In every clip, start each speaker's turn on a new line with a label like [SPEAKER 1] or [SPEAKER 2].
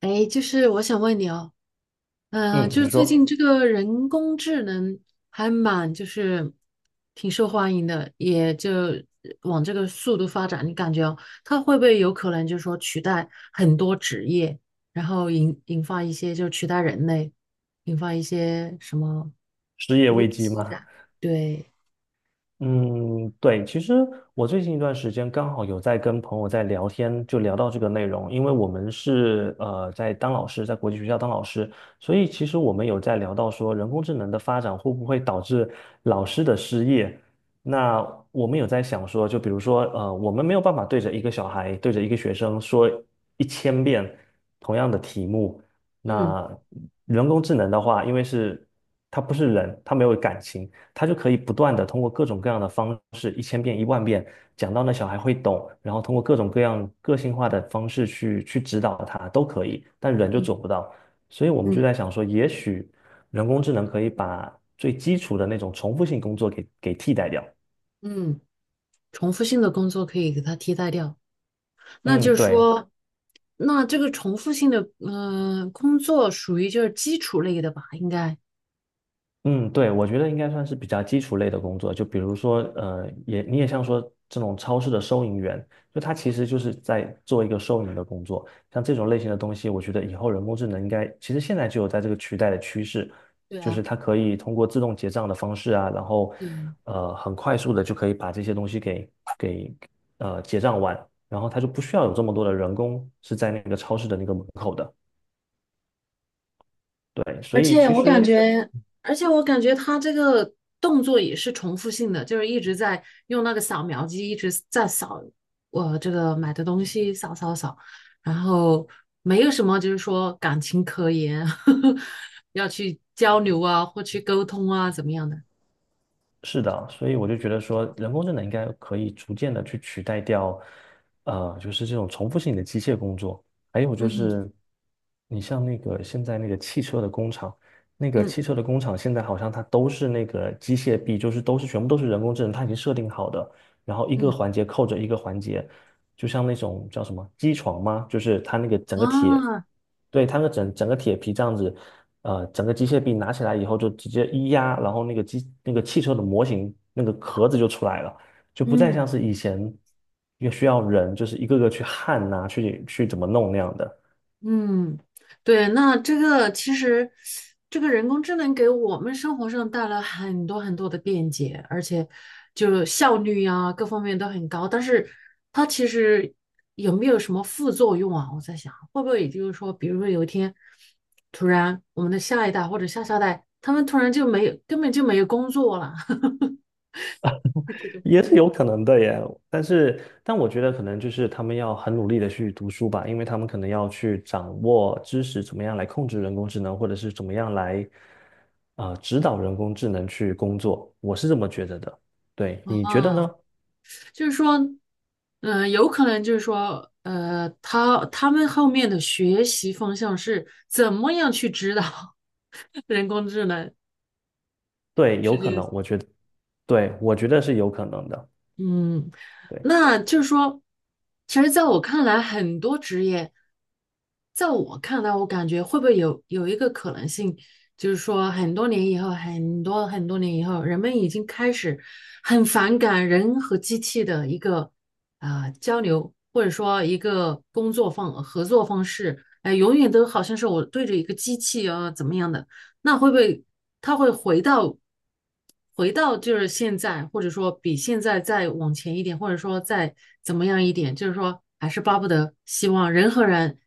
[SPEAKER 1] 哎，就是我想问你哦，
[SPEAKER 2] 嗯，
[SPEAKER 1] 就
[SPEAKER 2] 你
[SPEAKER 1] 是最
[SPEAKER 2] 说
[SPEAKER 1] 近这个人工智能还蛮挺受欢迎的，也就往这个速度发展，你感觉哦，它会不会有可能就是说取代很多职业，然后引发一些就取代人类，引发一些什么
[SPEAKER 2] 失业
[SPEAKER 1] 危
[SPEAKER 2] 危机
[SPEAKER 1] 机
[SPEAKER 2] 吗？
[SPEAKER 1] 感？对，
[SPEAKER 2] 嗯，对，其实我最近一段时间刚好有在跟朋友在聊天，就聊到这个内容，因为我们是在当老师，在国际学校当老师，所以其实我们有在聊到说人工智能的发展会不会导致老师的失业。那我们有在想说，就比如说,我们没有办法对着一个小孩，对着一个学生说一千遍同样的题目。
[SPEAKER 1] 嗯
[SPEAKER 2] 那人工智能的话，因为是它不是人，它没有感情。他就可以不断的通过各种各样的方式，1000遍、10000遍讲到那小孩会懂，然后通过各种各样个性化的方式去指导他都可以，但人就
[SPEAKER 1] 嗯
[SPEAKER 2] 做不到。所以我们就
[SPEAKER 1] 嗯
[SPEAKER 2] 在想说，也许人工智能可以把最基础的那种重复性工作给替代掉。
[SPEAKER 1] 嗯，重复性的工作可以给它替代掉。那
[SPEAKER 2] 嗯，
[SPEAKER 1] 就是
[SPEAKER 2] 对。
[SPEAKER 1] 说，那这个重复性的工作属于就是基础类的吧，应该。
[SPEAKER 2] 嗯，对，我觉得应该算是比较基础类的工作，就比如说，也你也像说这种超市的收银员，就他其实就是在做一个收银的工作。像这种类型的东西，我觉得以后人工智能应该，其实现在就有在这个取代的趋势，
[SPEAKER 1] 对
[SPEAKER 2] 就是
[SPEAKER 1] 啊，
[SPEAKER 2] 它可以通过自动结账的方式啊，然后，
[SPEAKER 1] 嗯。
[SPEAKER 2] 很快速的就可以把这些东西给结账完，然后它就不需要有这么多的人工是在那个超市的那个门口的。对，所
[SPEAKER 1] 而
[SPEAKER 2] 以
[SPEAKER 1] 且
[SPEAKER 2] 其
[SPEAKER 1] 我感
[SPEAKER 2] 实。
[SPEAKER 1] 觉，而且我感觉他这个动作也是重复性的，就是一直在用那个扫描机一直在扫我这个买的东西，扫扫扫，然后没有什么就是说感情可言，要去交流啊，或去沟通啊，怎么样的？
[SPEAKER 2] 是的，所以我就觉得说，人工智能应该可以逐渐的去取代掉，就是这种重复性的机械工作。还有就
[SPEAKER 1] 嗯
[SPEAKER 2] 是，你像那个现在那个汽车的工厂，那个
[SPEAKER 1] 嗯
[SPEAKER 2] 汽车的工厂现在好像它都是那个机械臂，就是都是全部都是人工智能，它已经设定好的，然后一个
[SPEAKER 1] 嗯
[SPEAKER 2] 环节扣着一个环节，就像那种叫什么机床吗？就是它那个整个铁，
[SPEAKER 1] 啊，
[SPEAKER 2] 对，它那个整个铁皮这样子，整个机械臂拿起来以后就直接一压，然后那个机那个汽车的模型那个壳子就出来了，就不再
[SPEAKER 1] 嗯。
[SPEAKER 2] 像是以前也需要人就是一个个去焊呐、去怎么弄那样的。
[SPEAKER 1] 嗯，对，那这个其实，这个人工智能给我们生活上带来很多很多的便捷，而且就效率呀，各方面都很高。但是它其实有没有什么副作用啊？我在想，会不会也就是说，比如说有一天，突然我们的下一代或者下下代，他们突然就没有，根本就没有工作了，这种
[SPEAKER 2] 也是有可能的耶，但我觉得可能就是他们要很努力的去读书吧，因为他们可能要去掌握知识，怎么样来控制人工智能，或者是怎么样来，指导人工智能去工作，我是这么觉得的。对，你觉得
[SPEAKER 1] 啊。
[SPEAKER 2] 呢？
[SPEAKER 1] 就是说，有可能就是说，他们后面的学习方向是怎么样去指导 人工智能？
[SPEAKER 2] 对，有
[SPEAKER 1] 世
[SPEAKER 2] 可
[SPEAKER 1] 界？
[SPEAKER 2] 能，我觉得，对，我觉得是有可能的。
[SPEAKER 1] 嗯，
[SPEAKER 2] 对。
[SPEAKER 1] 那就是说，其实在我看来，很多职业，在我看来，我感觉会不会有一个可能性，就是说，很多年以后，很多很多年以后，人们已经开始很反感人和机器的一个交流，或者说一个工作方合作方式，哎、永远都好像是我对着一个机器啊怎么样的。那会不会他会回到就是现在，或者说比现在再往前一点，或者说再怎么样一点，就是说还是巴不得希望人和人、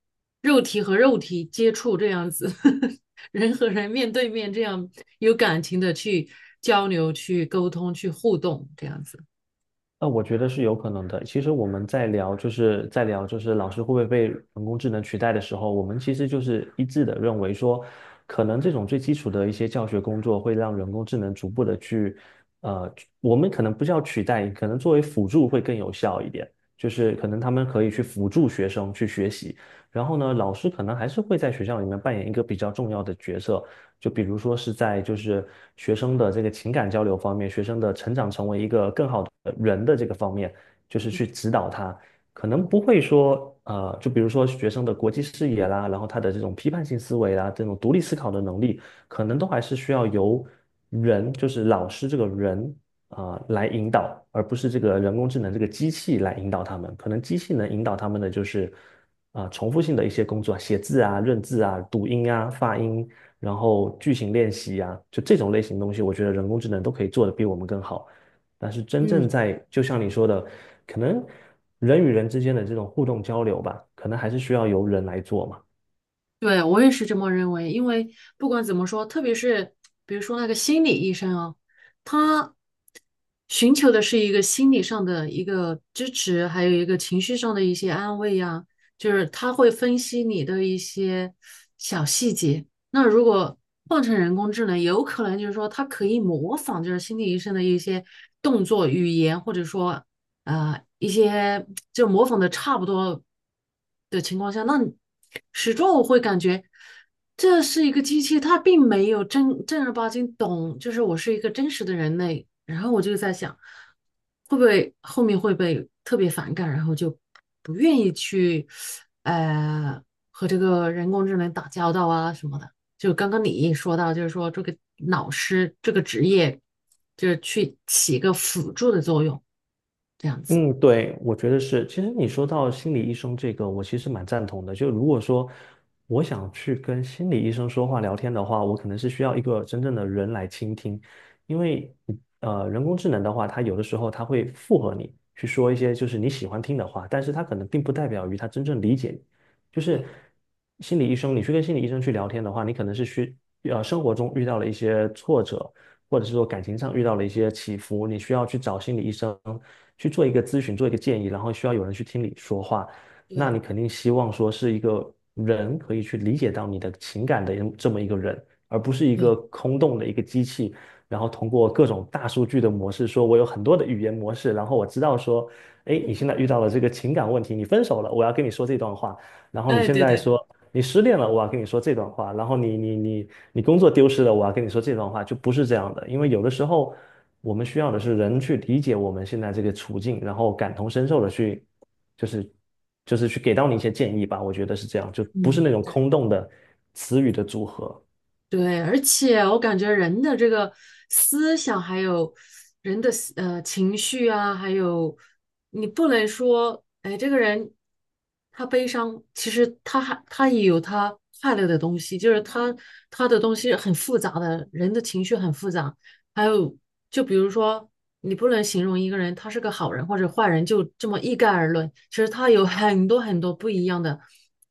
[SPEAKER 1] 肉体和肉体接触这样子，呵呵人和人面对面这样有感情的去交流、去沟通、去互动这样子。
[SPEAKER 2] 那我觉得是有可能的。其实我们在聊，就是老师会不会被人工智能取代的时候，我们其实就是一致的认为说，可能这种最基础的一些教学工作会让人工智能逐步的去，呃，我们可能不叫取代，可能作为辅助会更有效一点。就是可能他们可以去辅助学生去学习，然后呢，老师可能还是会在学校里面扮演一个比较重要的角色，就比如说是在学生的这个情感交流方面，学生的成长成为一个更好的人的这个方面，就是去指导他，可能
[SPEAKER 1] 嗯
[SPEAKER 2] 不会说就比如说学生的国际视野啦，然后他的这种批判性思维啦，这种独立思考的能力，可能都还是需要由人，就是老师这个人啊，来引导，而不是这个人工智能这个机器来引导他们。可能机器能引导他们的就是重复性的一些工作，写字啊、认字啊、读音啊、发音然后剧情练习呀，就这种类型的东西，我觉得人工智能都可以做得比我们更好。但是真正
[SPEAKER 1] 嗯，
[SPEAKER 2] 在，就像你说的，可能人与人之间的这种互动交流吧，可能还是需要由人来做嘛。
[SPEAKER 1] 对，我也是这么认为，因为不管怎么说，特别是比如说那个心理医生啊，他寻求的是一个心理上的一个支持，还有一个情绪上的一些安慰呀，就是他会分析你的一些小细节。那如果换成人工智能，有可能就是说它可以模仿，就是心理医生的一些动作、语言，或者说一些就模仿的差不多的情况下，那你始终我会感觉这是一个机器，它并没有正正儿八经懂，就是我是一个真实的人类。然后我就在想，会不会后面会被特别反感，然后就不愿意去呃和这个人工智能打交道啊什么的。就刚刚你毅说到，就是说这个老师这个职业，就是去起一个辅助的作用，这样子。
[SPEAKER 2] 嗯，对，我觉得是。其实你说到心理医生这个，我其实蛮赞同的。就如果说我想去跟心理医生说话聊天的话，我可能是需要一个真正的人来倾听，因为人工智能的话，它有的时候它会附和你去说一些就是你喜欢听的话，但是它可能并不代表于它真正理解你。就是
[SPEAKER 1] 对
[SPEAKER 2] 心理医生，你去跟心理医生去聊天的话，你可能是生活中遇到了一些挫折，或者是说感情上遇到了一些起伏，你需要去找心理医生去做一个咨询，做一个建议，然后需要有人去听你说话，那
[SPEAKER 1] 对
[SPEAKER 2] 你肯定希望说是一个人可以去理解到你的情感的这么一个人，而不是一
[SPEAKER 1] 对，
[SPEAKER 2] 个空洞的一个机器。然后通过各种大数据的模式，说我有很多的语言模式，然后我知道说，哎，你现在遇到了这个情感问题，你分手了，我要跟你说这段话，然后你
[SPEAKER 1] 哎，
[SPEAKER 2] 现
[SPEAKER 1] 对
[SPEAKER 2] 在
[SPEAKER 1] 对
[SPEAKER 2] 说，
[SPEAKER 1] 对，
[SPEAKER 2] 你失恋了，我要跟你说这段话；然后你工作丢失了，我要跟你说这段话，就不是这样的。因为有的时候，我们需要的是人去理解我们现在这个处境，然后感同身受的去，就是就是去给到你一些建议吧。我觉得是这样，就不是
[SPEAKER 1] 嗯，
[SPEAKER 2] 那种
[SPEAKER 1] 对，
[SPEAKER 2] 空洞的词语的组合。
[SPEAKER 1] 对，而且我感觉人的这个思想，还有人的情绪啊，还有你不能说，哎，这个人他悲伤，其实他也有他快乐的东西，就是他的东西很复杂的，人的情绪很复杂。还有，就比如说，你不能形容一个人他是个好人或者坏人，就这么一概而论。其实他有很多很多不一样的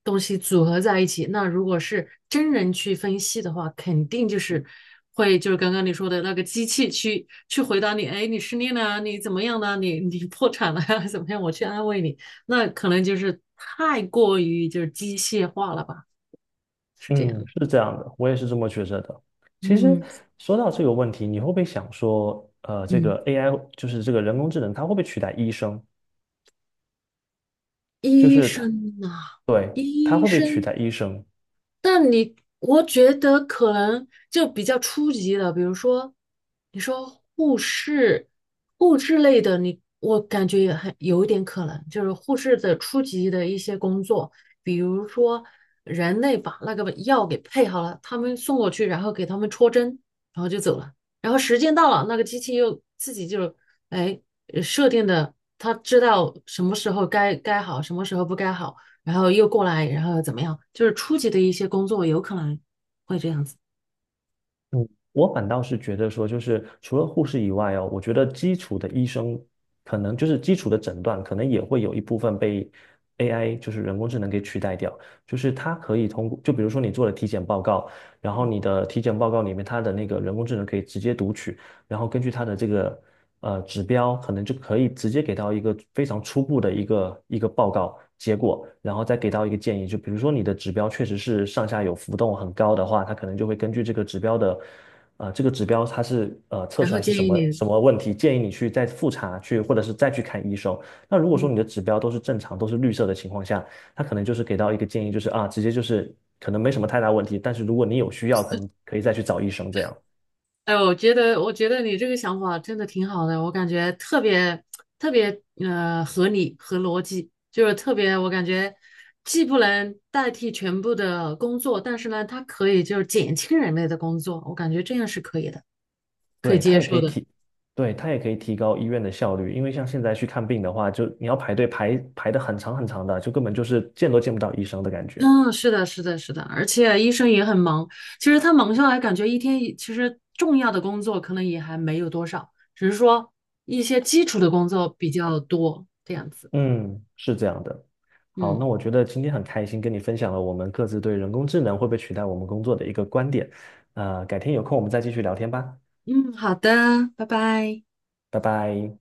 [SPEAKER 1] 东西组合在一起。那如果是真人去分析的话，肯定就是会就是刚刚你说的那个机器去回答你，哎，你失恋了啊你怎么样了啊你破产了呀，怎么样？我去安慰你，那可能就是太过于就是机械化了吧，是这样
[SPEAKER 2] 嗯，
[SPEAKER 1] 的
[SPEAKER 2] 是这样的，我也是这么觉着的。其实
[SPEAKER 1] 嗯
[SPEAKER 2] 说到这个问题，你会不会想说，这个
[SPEAKER 1] 嗯，
[SPEAKER 2] AI 就是这个人工智能，它会不会取代医生？就
[SPEAKER 1] 医
[SPEAKER 2] 是它，
[SPEAKER 1] 生呐、
[SPEAKER 2] 对，它
[SPEAKER 1] 医
[SPEAKER 2] 会不会取
[SPEAKER 1] 生。
[SPEAKER 2] 代医生？
[SPEAKER 1] 但你，我觉得可能就比较初级的，比如说，你说护士、护士类的你，我感觉也很有一点可能，就是护士的初级的一些工作，比如说人类把那个药给配好了，他们送过去，然后给他们戳针，然后就走了，然后时间到了，那个机器又自己就哎设定的，它知道什么时候该该好，什么时候不该好。然后又过来，然后怎么样？就是初级的一些工作有可能会这样子。
[SPEAKER 2] 嗯，我反倒是觉得说，就是除了护士以外哦，我觉得基础的医生可能就是基础的诊断，可能也会有一部分被 AI,就是人工智能给取代掉。就是它可以通过，就比如说你做了体检报告，然后你的体检报告里面它的那个人工智能可以直接读取，然后根据它的这个指标，可能就可以直接给到一个非常初步的一个报告结果，然后再给到一个建议。就比如说你的指标确实是上下有浮动很高的话，它可能就会根据这个指标的。这个指标它是测
[SPEAKER 1] 然
[SPEAKER 2] 出
[SPEAKER 1] 后
[SPEAKER 2] 来是
[SPEAKER 1] 建
[SPEAKER 2] 什
[SPEAKER 1] 议
[SPEAKER 2] 么
[SPEAKER 1] 你，
[SPEAKER 2] 什么问题，建议你去再复查去，或者是再去看医生。那如果说
[SPEAKER 1] 嗯，
[SPEAKER 2] 你的指标都是正常，都是绿色的情况下，他可能就是给到一个建议，就是啊，直接就是可能没什么太大问题，但是如果你有需要，可能可以再去找医生这样。
[SPEAKER 1] 哎，我觉得，我觉得你这个想法真的挺好的，我感觉特别合理和逻辑，就是特别我感觉既不能代替全部的工作，但是呢，它可以就是减轻人类的工作，我感觉这样是可以的，可以
[SPEAKER 2] 对，它
[SPEAKER 1] 接
[SPEAKER 2] 也可
[SPEAKER 1] 受
[SPEAKER 2] 以
[SPEAKER 1] 的。
[SPEAKER 2] 提，对，它也可以提高医院的效率，因为像现在去看病的话，就你要排队排的很长很长的，就根本就是见都见不到医生的感觉。
[SPEAKER 1] 嗯，是的，是的，是的，而且医生也很忙。其实他忙下来，感觉一天其实重要的工作可能也还没有多少，只是说一些基础的工作比较多，这样子。
[SPEAKER 2] 嗯，是这样的。好，
[SPEAKER 1] 嗯
[SPEAKER 2] 那我觉得今天很开心跟你分享了我们各自对人工智能会不会取代我们工作的一个观点。改天有空我们再继续聊天吧，
[SPEAKER 1] 嗯，好的，拜拜。
[SPEAKER 2] 拜拜。